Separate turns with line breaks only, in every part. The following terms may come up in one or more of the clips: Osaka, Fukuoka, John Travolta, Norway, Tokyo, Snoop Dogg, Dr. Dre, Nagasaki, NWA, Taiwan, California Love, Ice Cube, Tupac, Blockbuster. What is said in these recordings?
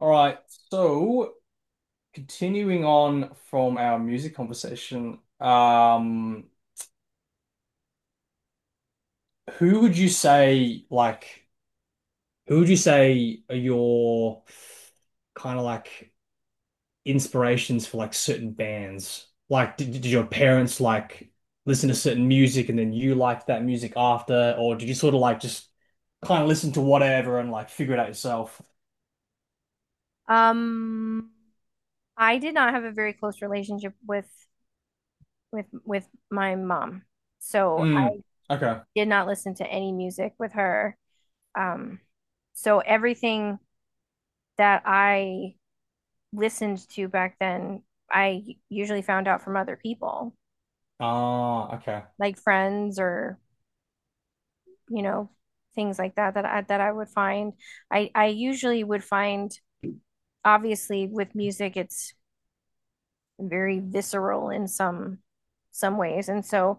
All right, so continuing on from our music conversation, who would you say are your kind of like inspirations for like certain bands? Like, did your parents like listen to certain music and then you liked that music after, or did you sort of like just kind of listen to whatever and like figure it out yourself?
Um, I did not have a very close relationship with my mom. So
Mm,
I
okay.
did not listen to any music with her. Um, so everything that I listened to back then, I usually found out from other people,
Ah, okay.
like friends or, you know, things like that that I would find. I usually would find, obviously with music, it's very visceral in some ways. And so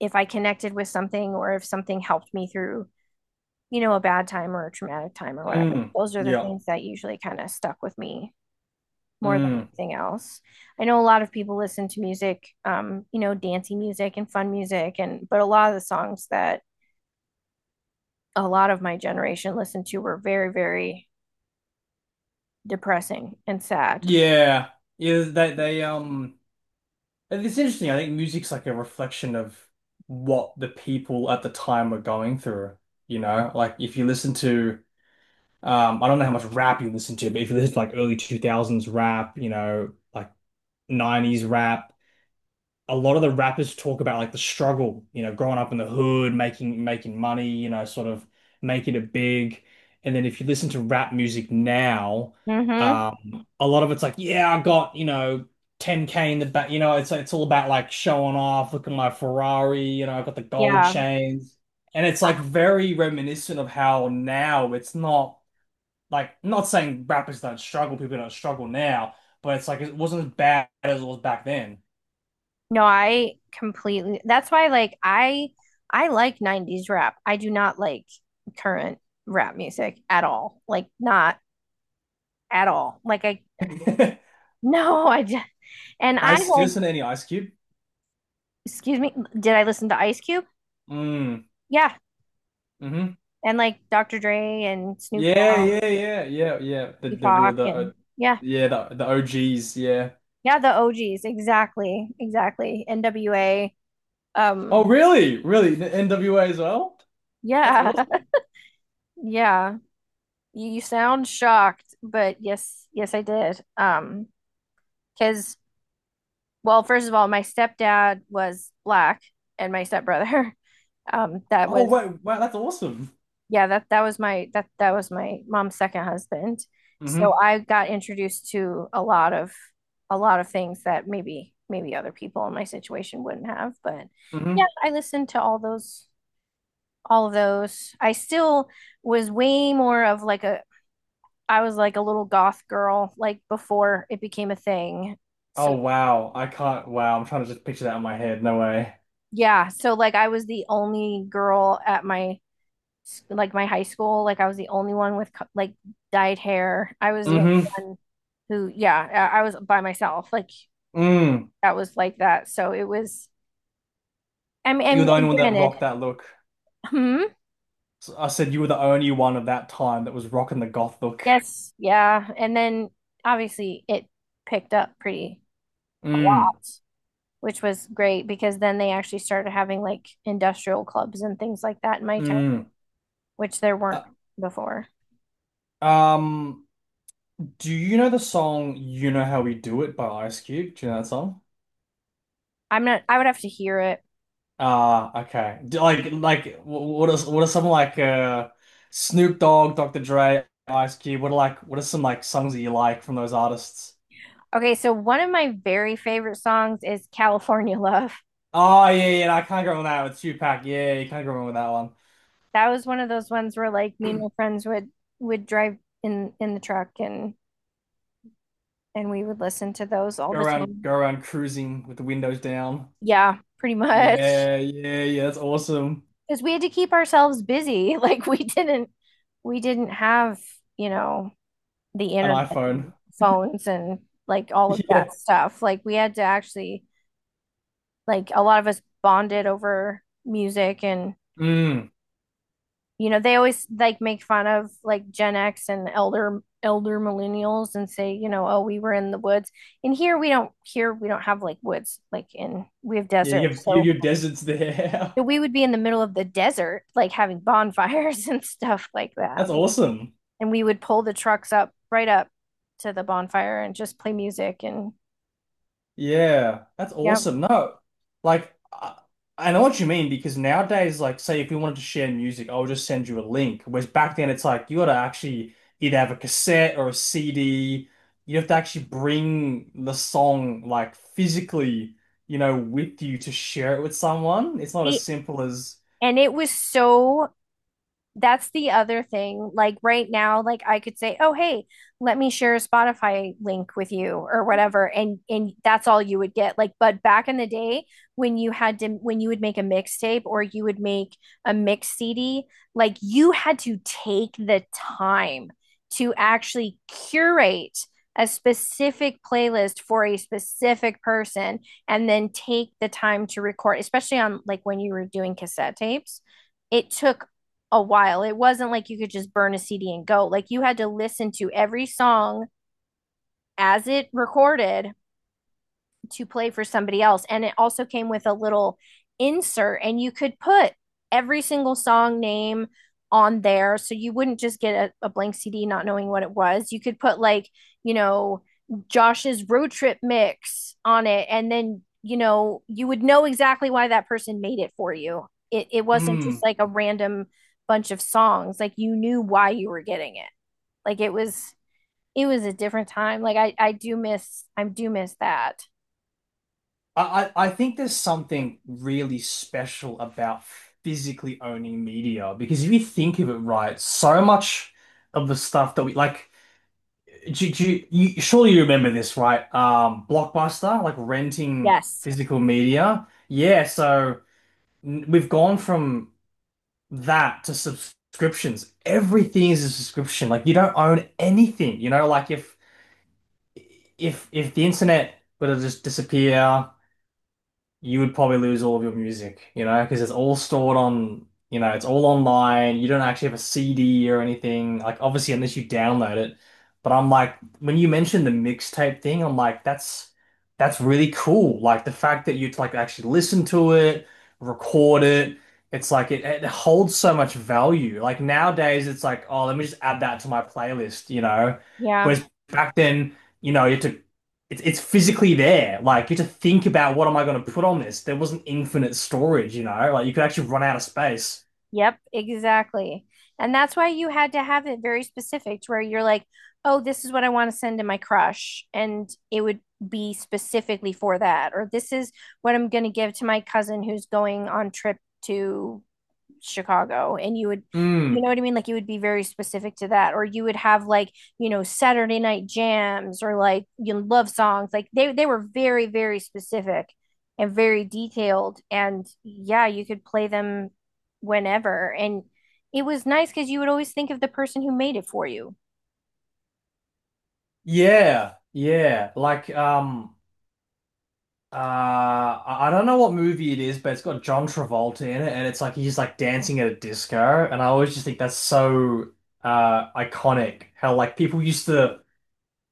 if I connected with something or if something helped me through, a bad time or a traumatic time or whatever.
Mm,
Those are the
yeah.
things that usually kind of stuck with me more than
Mm.
anything else. I know a lot of people listen to music, dancey music and fun music and but a lot of the songs that a lot of my generation listened to were very, very depressing and sad.
Yeah. Yeah, they it's interesting. I think music's like a reflection of what the people at the time were going through, you know? Like if you listen to I don't know how much rap you listen to, but if you listen to like early 2000s rap, you know, like 90s rap, a lot of the rappers talk about like the struggle, you know, growing up in the hood, making money, you know, sort of making it big. And then if you listen to rap music now,
Mm-hmm.
a lot of it's like, yeah, I got, you know, 10K in the back, you know, it's all about like showing off, look at my Ferrari, you know, I got the gold
Yeah.
chains. And it's
I
like very reminiscent of how now it's not like, not saying rappers don't struggle, people don't struggle now, but it's like it wasn't as bad as it was back then.
No, I completely. That's why, like, I like 90s rap. I do not like current rap music at all. Like, not at all. Like, I no, I just and I
Ice
like.
Steelson, any Ice Cube?
Excuse me. Did I listen to Ice Cube?
Mm.
Yeah,
Mm-hmm.
and like Dr. Dre and Snoop
Yeah,
Dogg,
yeah, yeah, yeah, yeah.
and
The real
Tupac,
the
and yeah,
Yeah, the OGs. Yeah.
yeah, the OGs. Exactly, exactly. NWA.
Oh,
Um,
really? Really? The NWA as well? That's
yeah,
awesome.
yeah. You sound shocked, but yes, yes, I did. Because well, first of all, my stepdad was black, and my stepbrother, that
Oh,
was
wait, wow, that's awesome.
yeah that that was my mom's second husband. So
Mm-hmm.
I got introduced to a lot of things that maybe other people in my situation wouldn't have. But
Mm-hmm.
yeah, I listened to all those all of those. I still was way more of like a I was like a little goth girl like before it became a thing. So
Oh, wow. I can't. Wow, I'm trying to just picture that in my head. No way.
yeah, so like I was the only girl at my like my high school. Like I was the only one with like dyed hair. I was the
Mm-hmm.
only one who, yeah, I was by myself. Like
Mm.
that was like that. So it was. I mean,
You were
and,
the only
and
one that rocked
granted,
that look.
hmm,
S- I said you were the only one of that time that was rocking the goth look.
yes, yeah, and then obviously it picked up pretty a
Mm.
lot, which was great because then they actually started having like industrial clubs and things like that in my town,
Mm.
which there
Uh,
weren't before.
um. Do you know the song "You Know How We Do It" by Ice Cube? Do you know that song?
I'm not. I would have to hear it.
Ah, okay. Do- like, wh- what is, what are some like Snoop Dogg, Dr. Dre, Ice Cube? What are like, what are some like songs that you like from those artists?
Okay, so one of my very favorite songs is California Love.
Oh yeah, yeah, yeah, no, I can't go wrong with that, with Tupac. Yeah, yeah, you can't go wrong with that one.
That was one of those ones where like me and my friends would drive in the truck and we would listen to those all the time.
Go around cruising with the windows down.
Yeah, pretty much.
Yeah, yeah, yeah. That's awesome.
Because we had to keep ourselves busy. Like we didn't have, you know, the
An
internet
iPhone.
and phones and like all of that
Yeah.
stuff. Like we had to actually like a lot of us bonded over music and
Mm.
you know they always like make fun of like gen x and elder millennials and say you know oh we were in the woods and here we don't have like woods like in we have
Yeah,
desert
you have you,
so
your desert's there.
so we would be in the middle of the desert like having bonfires and stuff like that.
That's
Like,
awesome.
and we would pull the trucks up right up to the bonfire and just play music and
Yeah, that's
yeah.
awesome. No, like I know what you mean because nowadays, like, say if we wanted to share music, I would just send you a link. Whereas back then, it's like you got to actually either have a cassette or a CD. You have to actually bring the song like physically, you know, with you to share it with someone. It's not as
It-
simple as.
and it was so. That's the other thing. Like right now, like I could say, "Oh, hey, let me share a Spotify link with you or whatever." And that's all you would get. Like but back in the day when you would make a mixtape or you would make a mix CD, like you had to take the time to actually curate a specific playlist for a specific person and then take the time to record, especially on like when you were doing cassette tapes it took a while. It wasn't like you could just burn a CD and go. Like you had to listen to every song as it recorded to play for somebody else. And it also came with a little insert, and you could put every single song name on there. So you wouldn't just get a blank CD not knowing what it was. You could put, like, you know, Josh's road trip mix on it. And then, you would know exactly why that person made it for you. It wasn't just
Mm,
like a random bunch of songs. Like you knew why you were getting it. Like it was a different time. Like I do miss, I do miss that.
I think there's something really special about physically owning media because if you think of it, right, so much of the stuff that we like, you surely you remember this, right? Blockbuster, like renting
Yes.
physical media. Yeah, so n- we've gone from that to subscriptions. Everything is a subscription. Like you don't own anything, you know, like if the internet were to just disappear, you would probably lose all of your music, you know, because it's all stored on, you know, it's all online. You don't actually have a CD or anything. Like, obviously, unless you download it. But I'm like, when you mentioned the mixtape thing, I'm like, that's really cool. Like the fact that you'd like actually listen to it, record it. It's like it holds so much value. Like nowadays, it's like, oh, let me just add that to my playlist, you know.
Yeah.
Whereas back then, you know, you had to it's physically there. Like you have to think about what am I going to put on this. There wasn't infinite storage, you know. Like you could actually run out of space.
Yep. Exactly. And that's why you had to have it very specific to where you're like, oh, this is what I want to send to my crush. And it would be specifically for that. Or this is what I'm going to give to my cousin who's going on trip to Chicago and you would you know
Mm,
what I mean? Like you would be very specific to that, or you would have like you know Saturday night jams or like you know, love songs. Like they were very specific and very detailed, and yeah, you could play them whenever, and it was nice because you would always think of the person who made it for you.
yeah, yeah. Like I don't know what movie it is, but it's got John Travolta in it, and it's like he's like dancing at a disco, and I always just think that's so iconic. How like people used to.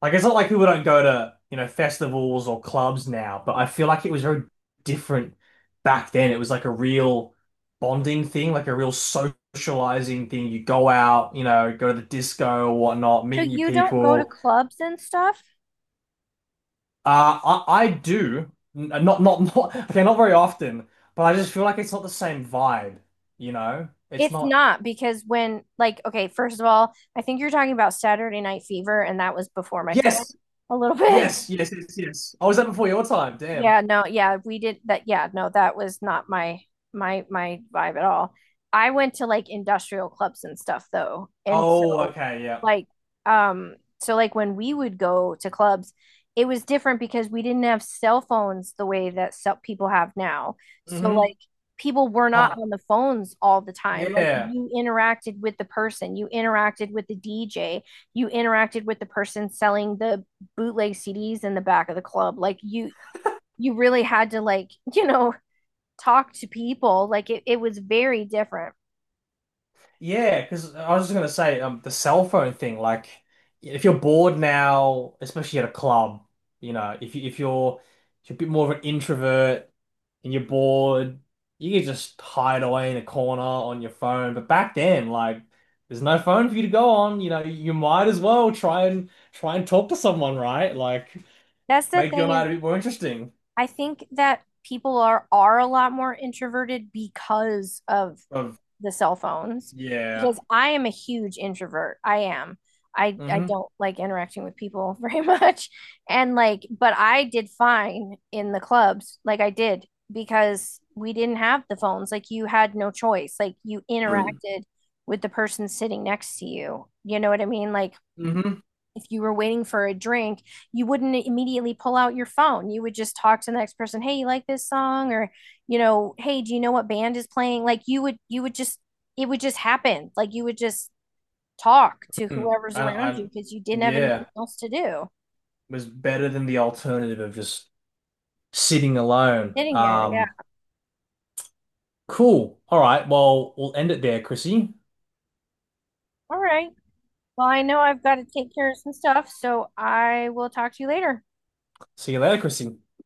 Like it's not like people don't go to, you know, festivals or clubs now, but I feel like it was very different back then. It was like a real bonding thing, like a real socializing thing. You go out, you know, go to the disco or whatnot,
So
meet new
you don't go to
people.
clubs and stuff.
Uh, I do not not, okay, not very often, but I just feel like it's not the same vibe, you know? It's
It's
not.
not because when like okay, first of all, I think you're talking about Saturday Night Fever, and that was before my time
Yes,
a little bit.
yes, yes, yes, yes. I was, that before your time. Damn.
Yeah, no, yeah, we did that. Yeah, no, that was not my my vibe at all. I went to like industrial clubs and stuff though. And
Oh, okay, yeah.
like um so like when we would go to clubs, it was different because we didn't have cell phones the way that cell people have now. So
Mm-hmm.
like people were not
Can't.
on the phones all the time. Like
Yeah.
you interacted with the person, you interacted with the DJ, you interacted with the person selling the bootleg CDs in the back of the club. Like you really had to like, you know, talk to people. Like it was very different.
Yeah, because I was just gonna say, the cell phone thing. Like, if you're bored now, especially at a club, you know, if you're a bit more of an introvert and you're bored, you can just hide away in a corner on your phone. But back then, like, there's no phone for you to go on. You know, you might as well try and talk to someone, right? Like,
That's the
make your
thing
night
is
a bit more interesting.
I think that people are a lot more introverted because of
Of
the cell phones
yeah,
because I am a huge introvert. I am. I
mm-hmm,
don't like interacting with people very much. And like, but I did fine in the clubs. Like I did because we didn't have the phones. Like you had no choice. Like you interacted with the person sitting next to you. You know what I mean? Like
mm-hmm,
if you were waiting for a drink, you wouldn't immediately pull out your phone. You would just talk to the next person, "Hey, you like this song?" or, "Hey, do you know what band is playing?" Like you would just it would just happen. Like you would just talk to whoever's
I,
around
I,
you because you didn't have
yeah,
anything else to do.
was better than the alternative of just sitting alone.
Sitting there. Yeah.
Cool. All right. Well, we'll end it there, Chrissy.
All right. Well, I know I've got to take care of some stuff, so I will talk to you later.
See you later, Chrissy.